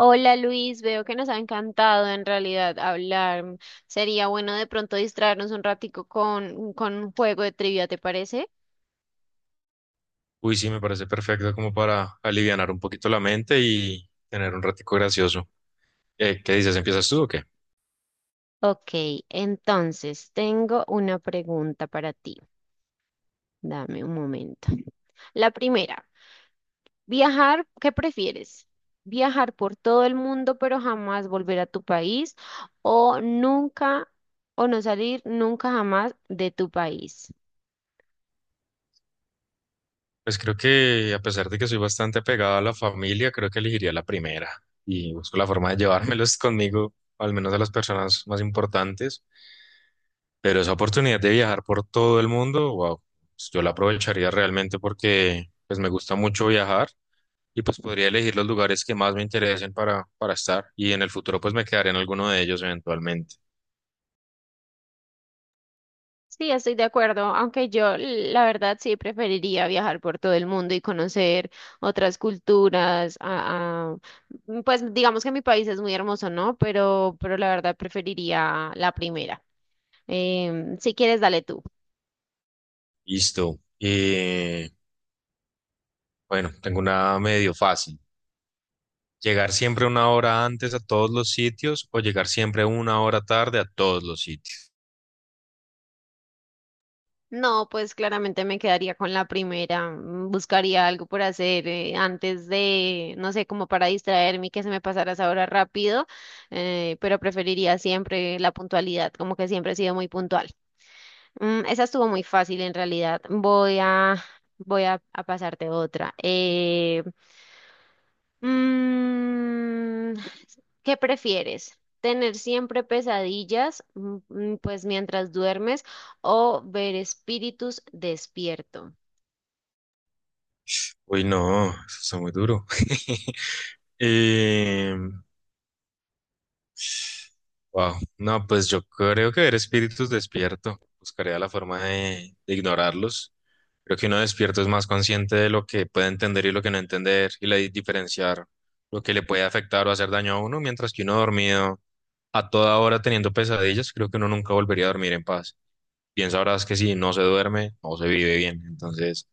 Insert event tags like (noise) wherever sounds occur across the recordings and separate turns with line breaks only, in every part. Hola Luis, veo que nos ha encantado en realidad hablar. Sería bueno de pronto distraernos un ratico con un juego de trivia, ¿te parece?
Uy, sí, me parece perfecto como para alivianar un poquito la mente y tener un ratico gracioso. ¿Qué dices? ¿Empiezas tú o qué?
Ok, entonces tengo una pregunta para ti. Dame un momento. La primera, viajar, ¿qué prefieres? ¿Viajar por todo el mundo pero jamás volver a tu país o nunca, o no salir nunca jamás de tu país?
Pues creo que a pesar de que soy bastante apegado a la familia, creo que elegiría la primera y busco la forma de llevármelos (laughs) conmigo, al menos a las personas más importantes. Pero esa oportunidad de viajar por todo el mundo, wow, pues yo la aprovecharía realmente porque pues me gusta mucho viajar y pues podría elegir los lugares que más me interesen para estar y en el futuro pues me quedaré en alguno de ellos eventualmente.
Sí, estoy de acuerdo, aunque yo la verdad sí preferiría viajar por todo el mundo y conocer otras culturas. Pues digamos que mi país es muy hermoso, ¿no? Pero la verdad preferiría la primera. Si quieres, dale tú.
Listo. Bueno, tengo una medio fácil. ¿Llegar siempre una hora antes a todos los sitios o llegar siempre una hora tarde a todos los sitios?
No, pues claramente me quedaría con la primera. Buscaría algo por hacer antes de, no sé, como para distraerme y que se me pasara esa hora rápido, pero preferiría siempre la puntualidad, como que siempre he sido muy puntual. Mm, esa estuvo muy fácil en realidad. Voy a pasarte otra. Mm, ¿Qué prefieres? ¿Tener siempre pesadillas, pues mientras duermes, o ver espíritus despierto?
Uy, no, eso está muy duro. (laughs) Eh, Wow. No, pues yo creo que ver espíritus despierto. Buscaría la forma de ignorarlos. Creo que uno despierto es más consciente de lo que puede entender y lo que no entender y la diferenciar lo que le puede afectar o hacer daño a uno, mientras que uno dormido a toda hora teniendo pesadillas, creo que uno nunca volvería a dormir en paz. Bien sabrás que si no se duerme, no se vive bien. Entonces,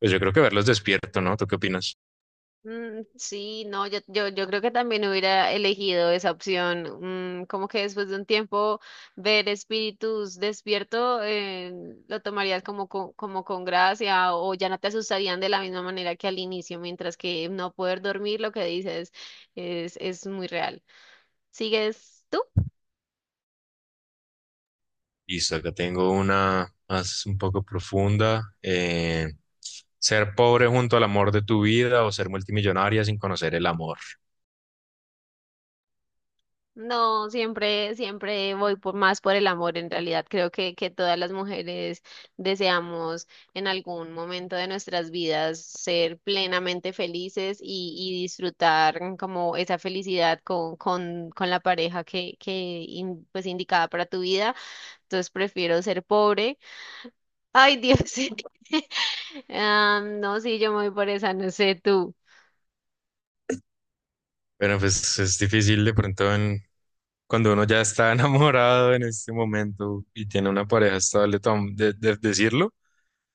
pues yo creo que verlos despierto, ¿no? ¿Tú qué opinas?
Mm, sí, no, yo creo que también hubiera elegido esa opción. Como que después de un tiempo ver espíritus despierto, lo tomarías como con gracia o ya no te asustarían de la misma manera que al inicio, mientras que no poder dormir, lo que dices es muy real. ¿Sigues tú?
Listo, acá tengo una más un poco profunda. Ser pobre junto al amor de tu vida o ser multimillonaria sin conocer el amor.
No, siempre voy por más por el amor. En realidad, creo que todas las mujeres deseamos en algún momento de nuestras vidas ser plenamente felices y disfrutar como esa felicidad con la pareja que pues indicada para tu vida. Entonces prefiero ser pobre. Ay, Dios. (laughs) Ah, no, sí, yo me voy por esa, no sé tú.
Pero pues es difícil de pronto cuando uno ya está (laughs) enamorado en este momento y tiene una pareja estable decirlo.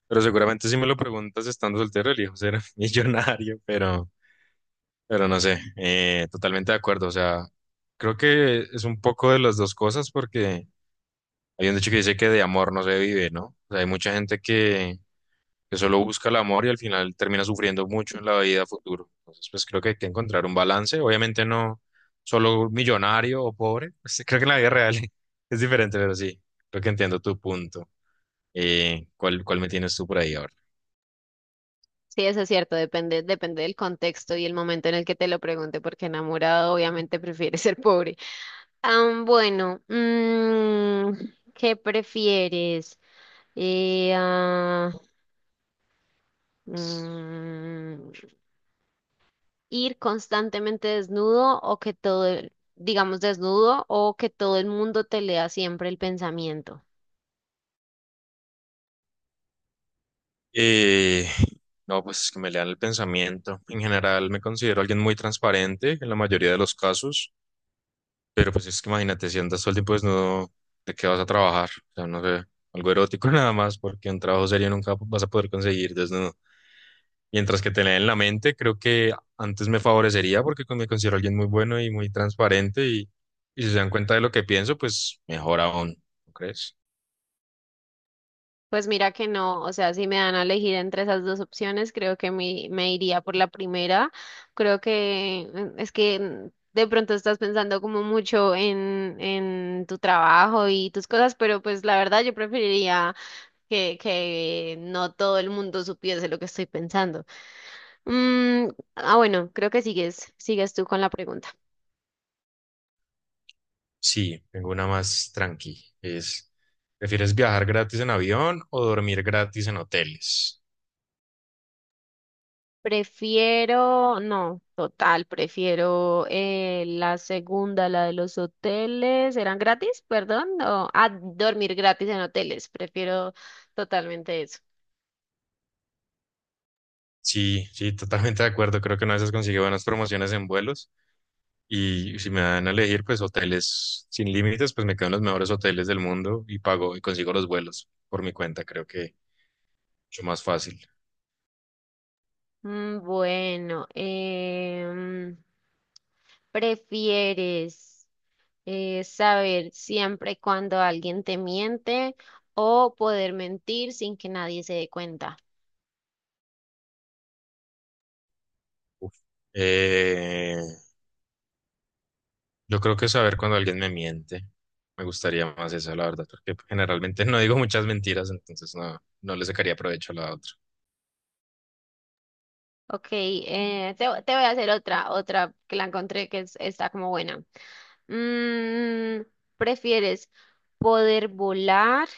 Pero seguramente si me lo preguntas estando soltero, elijo ser (laughs) millonario, pero no sé, totalmente de acuerdo. O sea, creo que es un poco de las dos cosas porque... Hay un dicho que dice que de amor no se vive, ¿no? O sea, hay mucha gente que solo busca el amor y al final termina sufriendo mucho en la vida futuro. Entonces, pues creo que hay que encontrar un balance. Obviamente no solo millonario o pobre. (laughs) Pues, creo que en la vida real (laughs) es diferente, pero sí, creo que entiendo tu punto. ¿Cuál me tienes tú por ahí ahora?
Sí, eso es cierto, depende del contexto y el momento en el que te lo pregunte, porque enamorado obviamente (laughs) prefiere ser pobre. Ah, bueno, ¿qué prefieres? Eh, ah, mm, ¿Ir constantemente desnudo o que todo, digamos desnudo, o que todo el mundo te lea siempre el pensamiento?
Eh, no, pues que me lean el pensamiento. En general me considero alguien muy transparente en la mayoría de los casos. Pero pues es que imagínate, si andas todo el tiempo desnudo, ¿de qué vas a trabajar? O sea, no sé, algo erótico (laughs) nada más, porque un trabajo serio nunca vas a poder conseguir desnudo. Mientras que tener en la mente, creo que antes me favorecería porque me considero alguien muy bueno y muy transparente y si se dan cuenta de lo que pienso, pues mejor aún, ¿no crees?
Pues mira que no, o sea, si me dan a elegir entre esas dos opciones, creo que me iría por la primera. Creo que es que de pronto estás pensando como mucho en tu trabajo y tus cosas, pero pues la verdad yo preferiría que no todo el mundo supiese lo que estoy pensando. Mm, bueno, creo que sigues tú con la pregunta.
Sí, tengo una más tranqui. Es, ¿prefieres viajar gratis en avión o dormir gratis en hoteles?
Prefiero, no, total, prefiero la segunda, la de los hoteles. ¿Eran gratis? Perdón. Dormir gratis en hoteles. Prefiero totalmente eso.
Sí, sí, totalmente de acuerdo. Creo que una vez consigue buenas promociones en vuelos. Y si me dan a elegir, pues hoteles sin límites, pues me quedo en los mejores hoteles del mundo y pago y consigo los vuelos por mi cuenta. Creo que mucho más fácil.
Bueno, ¿prefieres saber siempre cuando alguien te miente o poder mentir sin que nadie se dé cuenta?
Uf. Eh, yo creo que saber cuando alguien me miente. Me gustaría más esa, la verdad, porque generalmente (laughs) no digo muchas mentiras, entonces no, no le sacaría provecho a la otra.
Ok, te voy a hacer otra, otra que la encontré está como buena. Mm, ¿Prefieres poder volar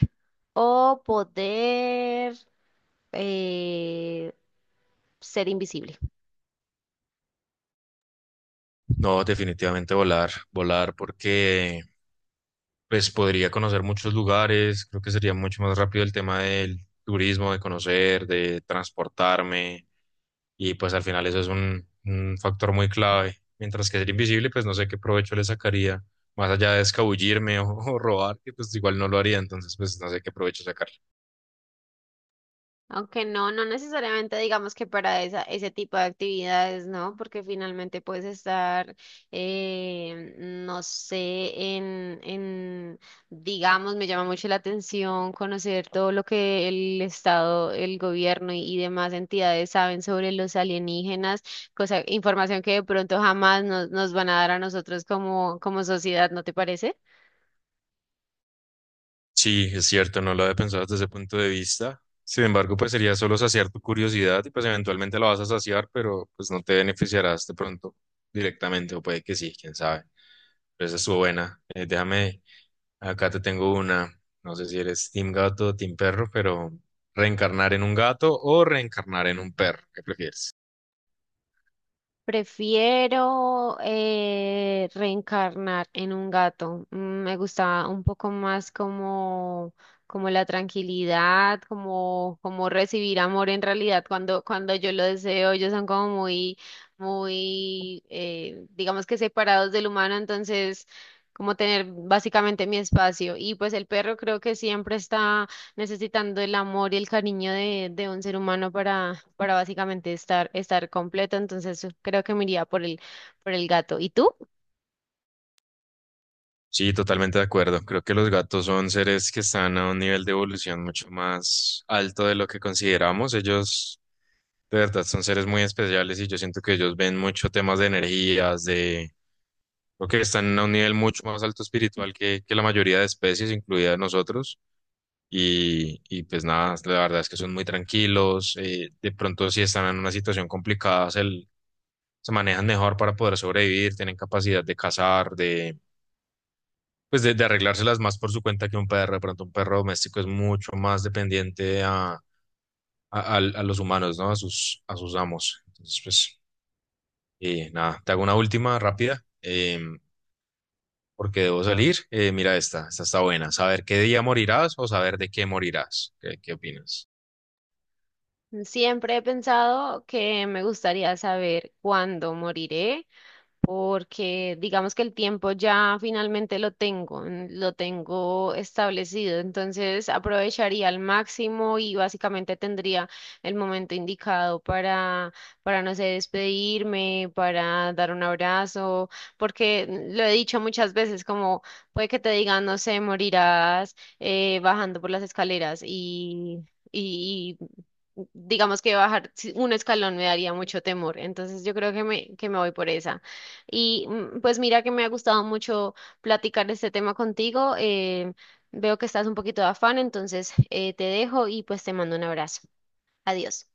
o poder eh, ser invisible?
No, definitivamente volar, volar, porque pues podría conocer muchos lugares, creo que sería mucho más rápido el tema del turismo, de conocer, de transportarme, y pues al final eso es un factor muy clave. Mientras que ser invisible, pues no sé qué provecho le sacaría, más allá de escabullirme o, (laughs) o robar, que pues igual no lo haría, entonces pues no sé qué provecho sacar.
Aunque no, no necesariamente digamos que para esa, ese tipo de actividades, ¿no? Porque finalmente puedes estar, no sé, digamos, me llama mucho la atención conocer todo lo que el Estado, el gobierno y demás entidades saben sobre los alienígenas, cosa, información que de pronto jamás nos van a dar a nosotros como, como sociedad, ¿no te parece?
Sí, es cierto, no lo había pensado desde ese punto de vista. Sin embargo, pues sería solo saciar tu curiosidad y pues eventualmente la vas a saciar, pero pues no te beneficiarás de pronto directamente, o puede que sí, quién sabe. Pero esa estuvo buena. Déjame, acá te tengo una, no sé si eres team gato o team perro, pero reencarnar en un gato o reencarnar en un perro, ¿qué prefieres?
Prefiero reencarnar en un gato. Mm, me gusta un poco más como, como la tranquilidad, como, como recibir amor en realidad cuando yo lo deseo. Ellos son como digamos que separados del humano, entonces como tener básicamente mi espacio. Y pues el perro creo que siempre está necesitando el amor y el cariño de un ser humano para básicamente estar, estar completo. Entonces creo que me iría por por el gato. ¿Y tú?
Sí, totalmente de acuerdo. Creo que los gatos son seres que están a un nivel de evolución mucho más alto de lo que consideramos. Ellos de verdad, son seres muy especiales y yo siento que ellos ven mucho temas de energías, de... Creo que están a un nivel mucho más alto espiritual que la mayoría de especies, incluida nosotros. Y pues nada, la verdad es que son muy tranquilos. De pronto, si están en una situación complicada, se manejan mejor para poder sobrevivir, tienen capacidad de cazar, de, pues de arreglárselas más por su cuenta que un perro. De pronto, un perro doméstico es mucho más dependiente a los humanos, ¿no? A a sus amos. Entonces, pues... Y nada, te hago una última rápida, porque debo salir. Mira esta, esta está buena. Saber qué día morirás o saber de qué morirás. Qué opinas?
Siempre he pensado que me gustaría saber cuándo moriré porque digamos que el tiempo ya finalmente lo lo tengo establecido, entonces aprovecharía al máximo y básicamente tendría el momento indicado para, no sé, despedirme, para dar un abrazo, porque lo he dicho muchas veces, como puede que te digan, no sé, morirás bajando por las escaleras y y digamos que bajar si- un escalón me daría mucho temor, entonces yo creo que que me voy por esa. Y pues mira que me ha gustado mucho platicar este tema contigo. Veo que estás un poquito de afán, entonces te dejo y pues te mando un abrazo. Adiós.